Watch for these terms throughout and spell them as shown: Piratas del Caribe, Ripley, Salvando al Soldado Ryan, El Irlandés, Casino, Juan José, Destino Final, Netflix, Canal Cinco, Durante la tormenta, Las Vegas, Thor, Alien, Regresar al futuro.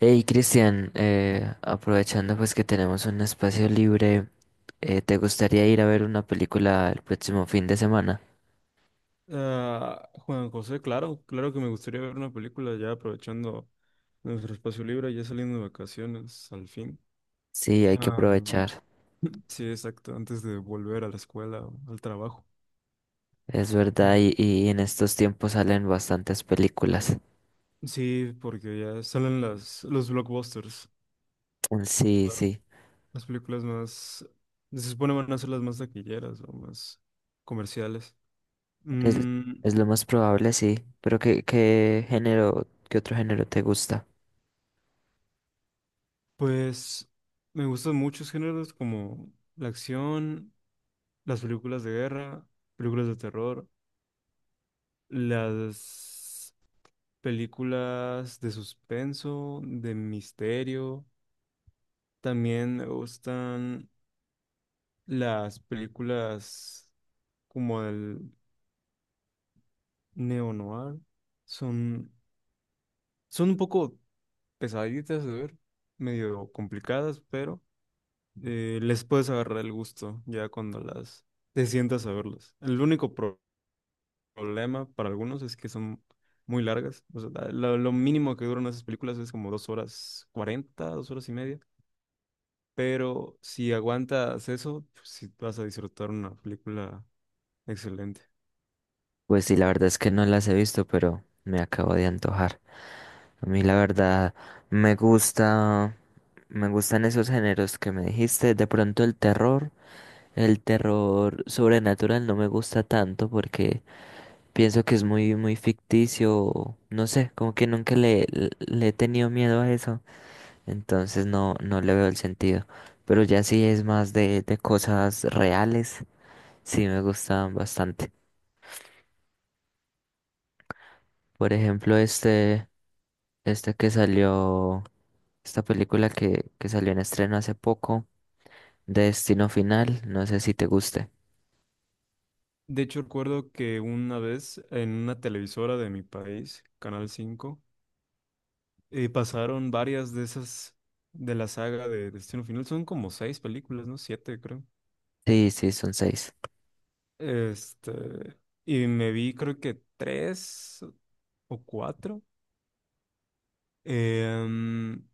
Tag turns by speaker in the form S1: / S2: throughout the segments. S1: Hey Cristian, aprovechando pues que tenemos un espacio libre, ¿te gustaría ir a ver una película el próximo fin de semana?
S2: Ah, Juan José, claro, claro que me gustaría ver una película ya aprovechando nuestro espacio libre, ya saliendo de vacaciones al fin.
S1: Sí, hay que
S2: Ah,
S1: aprovechar,
S2: sí, exacto, antes de volver a la escuela o al trabajo.
S1: es verdad,
S2: Sí,
S1: y en estos tiempos salen bastantes películas.
S2: sí, porque ya salen las, los blockbusters,
S1: Mm, sí, sí,
S2: las películas más, se supone van a ser las más taquilleras o más comerciales.
S1: es,
S2: Mm,
S1: es lo más probable, sí, pero ¿qué género, qué otro género te gusta?
S2: pues me gustan muchos géneros como la acción, las películas de guerra, películas de terror. Las películas de suspenso, de misterio. También me gustan las películas como el neo-noir. Son, son un poco pesaditas de ver, medio complicadas, pero les puedes agarrar el gusto ya cuando las te sientas a verlas. El único problema para algunos es que son muy largas. O sea, lo mínimo que duran esas películas es como 2 horas 40, 2 horas y media. Pero si aguantas eso, pues sí vas a disfrutar una película excelente.
S1: Pues sí, la verdad es que no las he visto, pero me acabo de antojar. A mí la verdad me gusta, me gustan esos géneros que me dijiste. De pronto el terror sobrenatural no me gusta tanto porque pienso que es muy ficticio. No sé, como que nunca le, le he tenido miedo a eso. Entonces no le veo el sentido. Pero ya sí es más de cosas reales. Sí me gustan bastante. Por ejemplo, este. Esta que salió, Esta película que salió en estreno hace poco, de Destino Final, no sé si te guste.
S2: De hecho, recuerdo que una vez en una televisora de mi país, Canal 5, pasaron varias de esas de la saga de Destino Final. Son como seis películas, ¿no? Siete, creo.
S1: Sí, sí, son seis.
S2: Este, y me vi creo que tres o cuatro. Em,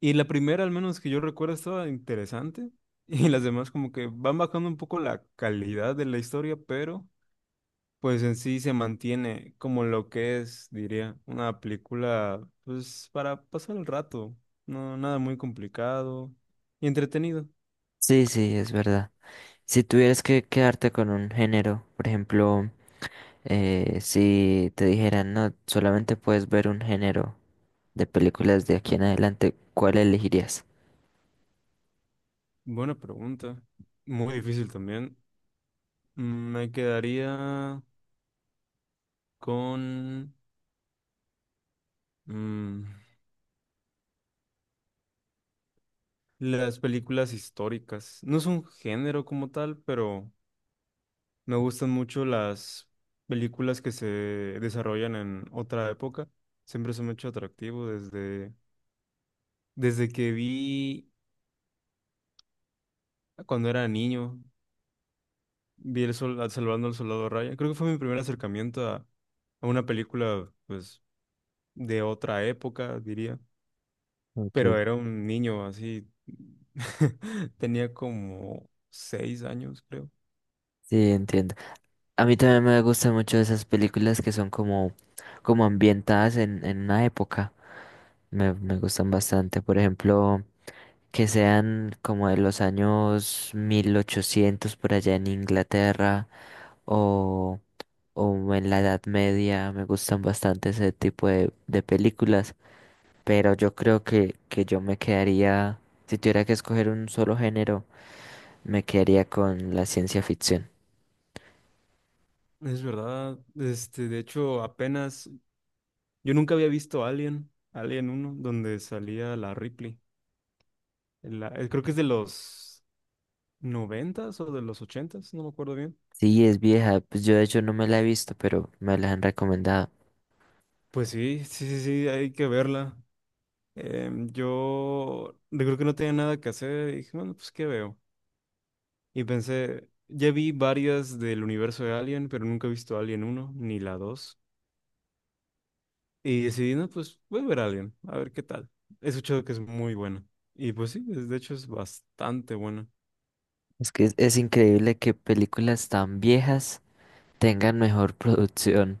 S2: y la primera, al menos que yo recuerdo, estaba interesante. Y las demás como que van bajando un poco la calidad de la historia, pero pues en sí se mantiene como lo que es, diría, una película pues para pasar el rato. No, nada muy complicado y entretenido.
S1: Sí, sí, es verdad. Si tuvieras que quedarte con un género, por ejemplo, si te dijeran, no, solamente puedes ver un género de películas de aquí en adelante, ¿cuál elegirías?
S2: Buena pregunta. Muy difícil también. Me quedaría con mm, las películas históricas. No es un género como tal, pero me gustan mucho las películas que se desarrollan en otra época. Siempre se me ha hecho atractivo desde que vi cuando era niño, vi Salvando al Soldado Ryan. Creo que fue mi primer acercamiento a, una película, pues, de otra época, diría.
S1: Ok,
S2: Pero era un niño así. Tenía como 6 años, creo.
S1: sí, entiendo. A mí también me gustan mucho esas películas que son como ambientadas en una época. Me gustan bastante. Por ejemplo, que sean como de los años 1800 por allá en Inglaterra o, o en la Edad Media. Me gustan bastante ese tipo de películas. Pero yo creo que que yo me quedaría, si tuviera que escoger un solo género, me quedaría con la ciencia ficción.
S2: Es verdad. De hecho, apenas yo nunca había visto Alien, Alien uno donde salía la Ripley. Creo que es de los noventas o de los ochentas, no me acuerdo bien.
S1: Sí, es vieja. Pues yo de hecho no me la he visto, pero me la han recomendado.
S2: Pues sí, sí, sí, sí, hay que verla. Yo creo que no tenía nada que hacer y dije, bueno, pues ¿qué veo? Y pensé, ya vi varias del universo de Alien, pero nunca he visto Alien uno ni la dos. Y decidí, no, pues voy a ver Alien, a ver qué tal. He escuchado que es muy buena. Y pues sí, es- de hecho es bastante buena.
S1: Es que es increíble que películas tan viejas tengan mejor producción,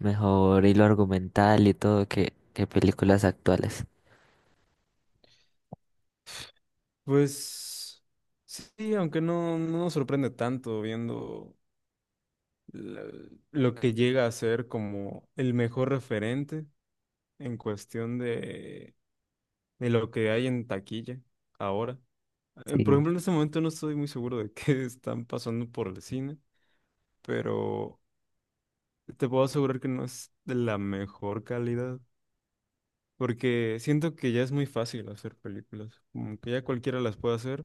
S1: mejor hilo argumental y todo que que, películas actuales.
S2: Pues sí, aunque no nos sorprende tanto viendo la- lo que llega a ser como el mejor referente en cuestión de, lo que hay en taquilla ahora. Por
S1: Sí.
S2: ejemplo, en este momento no estoy muy seguro de qué están pasando por el cine, pero te puedo asegurar que no es de la mejor calidad. Porque siento que ya es muy fácil hacer películas, como que ya cualquiera las puede hacer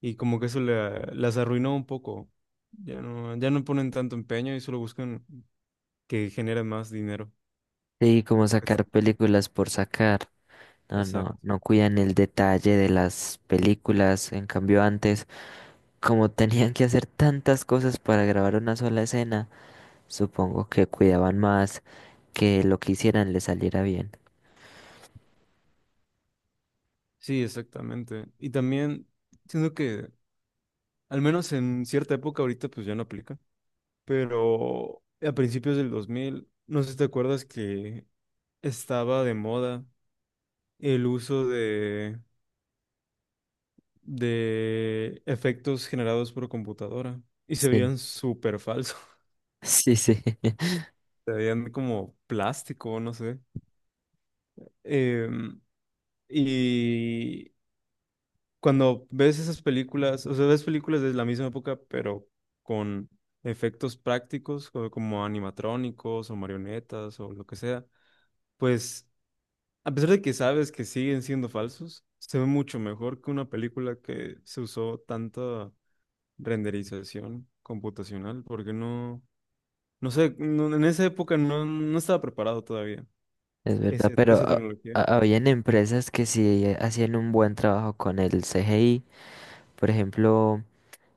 S2: y como que eso las arruinó un poco. Ya no, ya no ponen tanto empeño y solo buscan que genere más dinero.
S1: Sí, como
S2: Pues,
S1: sacar películas por sacar. No,
S2: exacto.
S1: no, no cuidan el detalle de las películas. En cambio, antes, como tenían que hacer tantas cosas para grabar una sola escena, supongo que cuidaban más que lo que hicieran le saliera bien.
S2: Sí, exactamente. Y también siento que, al menos en cierta época ahorita, pues ya no aplica, pero a principios del 2000 no sé si te acuerdas que estaba de moda el uso de efectos generados por computadora y se
S1: Sí.
S2: veían súper falsos,
S1: Sí, sí,
S2: se veían como plástico, no sé. Em, y cuando ves esas películas, o sea, ves películas de la misma época, pero con efectos prácticos, como animatrónicos o marionetas o lo que sea, pues a pesar de que sabes que siguen siendo falsos, se ve mucho mejor que una película que se usó tanta renderización computacional, porque no... No sé, en esa época no estaba preparado todavía
S1: es verdad,
S2: ese,
S1: pero
S2: esa
S1: ah,
S2: tecnología.
S1: ah, habían empresas que sí hacían un buen trabajo con el CGI. Por ejemplo,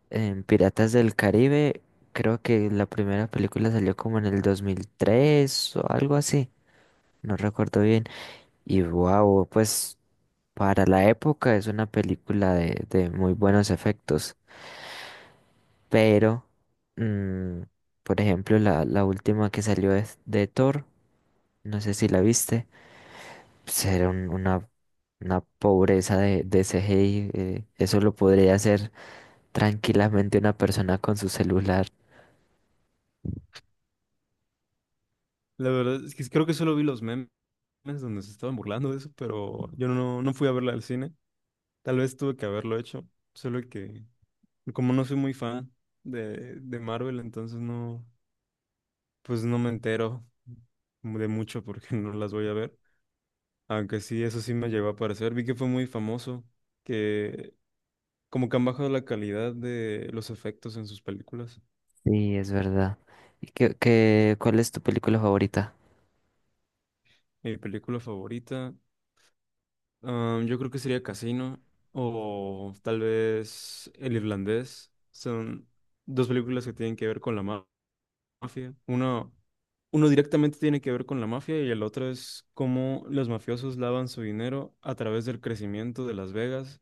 S1: en Piratas del Caribe, creo que la primera película salió como en el 2003 o algo así, no recuerdo bien. Y wow, pues para la época es una película de muy buenos efectos, pero, mm, por ejemplo, la última que salió es de Thor, no sé si la viste. ser un- una, una pobreza de CGI, eso lo podría hacer tranquilamente una persona con su celular.
S2: La verdad es que creo que solo vi los memes donde se estaban burlando de eso, pero yo no fui a verla al cine. Tal vez tuve que haberlo hecho, solo que como no soy muy fan de, Marvel, entonces no, pues no me entero de mucho porque no las voy a ver. Aunque sí, eso sí me llegó a parecer. Vi que fue muy famoso, que como que han bajado la calidad de los efectos en sus películas.
S1: Sí, es verdad. ¿Y cuál es tu película favorita?
S2: Mi película favorita. Yo creo que sería Casino o tal vez El Irlandés. Son dos películas que tienen que ver con la mafia. Uno directamente tiene que ver con la mafia y el otro es cómo los mafiosos lavan su dinero a través del crecimiento de Las Vegas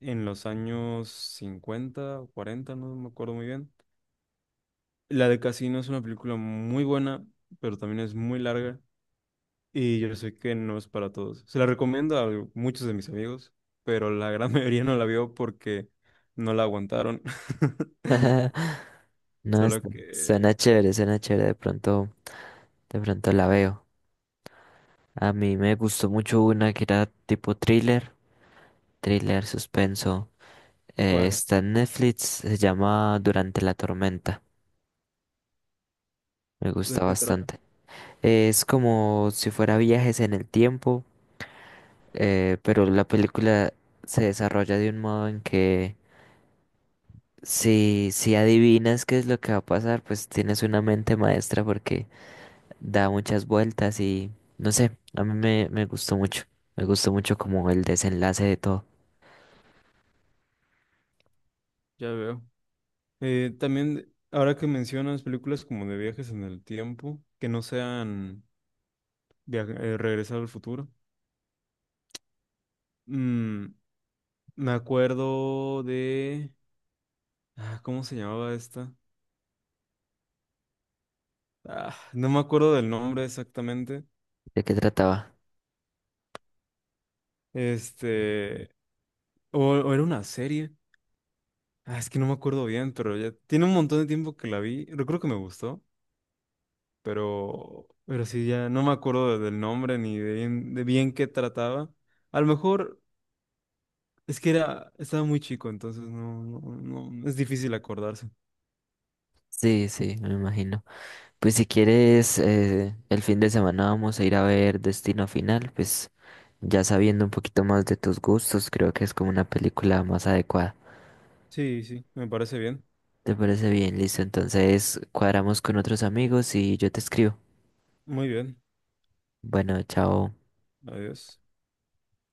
S2: en los años 50 o 40, no me acuerdo muy bien. La de Casino es una película muy buena, pero también es muy larga. Y yo sé que no es para todos. Se la recomiendo a muchos de mis amigos, pero la gran mayoría no la vio porque no la aguantaron.
S1: No,
S2: Solo que...
S1: suena chévere, de pronto la veo. A mí me gustó mucho una que era tipo thriller, suspenso.
S2: ¿Cuál?
S1: Está en Netflix, se llama Durante la tormenta. Me
S2: ¿De
S1: gusta
S2: qué trata?
S1: bastante. Es como si fuera viajes en el tiempo, pero la película se desarrolla de un modo en que si adivinas qué es lo que va a pasar, pues tienes una mente maestra porque da muchas vueltas y no sé, a me gustó mucho. Me gustó mucho como el desenlace de todo.
S2: Ya veo. También, ahora que mencionas películas como de viajes en el tiempo, que no sean Regresar al futuro, mm, me acuerdo de... Ah, ¿cómo se llamaba esta? Ah, no me acuerdo del nombre exactamente.
S1: ¿De qué trataba?
S2: Este... O, o era una serie. Ah, es que no me acuerdo bien, pero ya tiene un montón de tiempo que la vi. Recuerdo que me gustó, pero, sí, ya no me acuerdo del nombre ni de bien qué trataba. A lo mejor es que era, estaba muy chico, entonces no, no, no, es difícil acordarse.
S1: Sí, sí, me imagino. Pues si quieres, el fin de semana vamos a ir a ver Destino Final, pues ya sabiendo un poquito más de tus gustos, creo que es como una película más adecuada.
S2: Sí, sí, me parece bien.
S1: ¿Te parece bien? Listo, entonces cuadramos con otros amigos y yo te escribo.
S2: Muy bien.
S1: Bueno, chao.
S2: Adiós.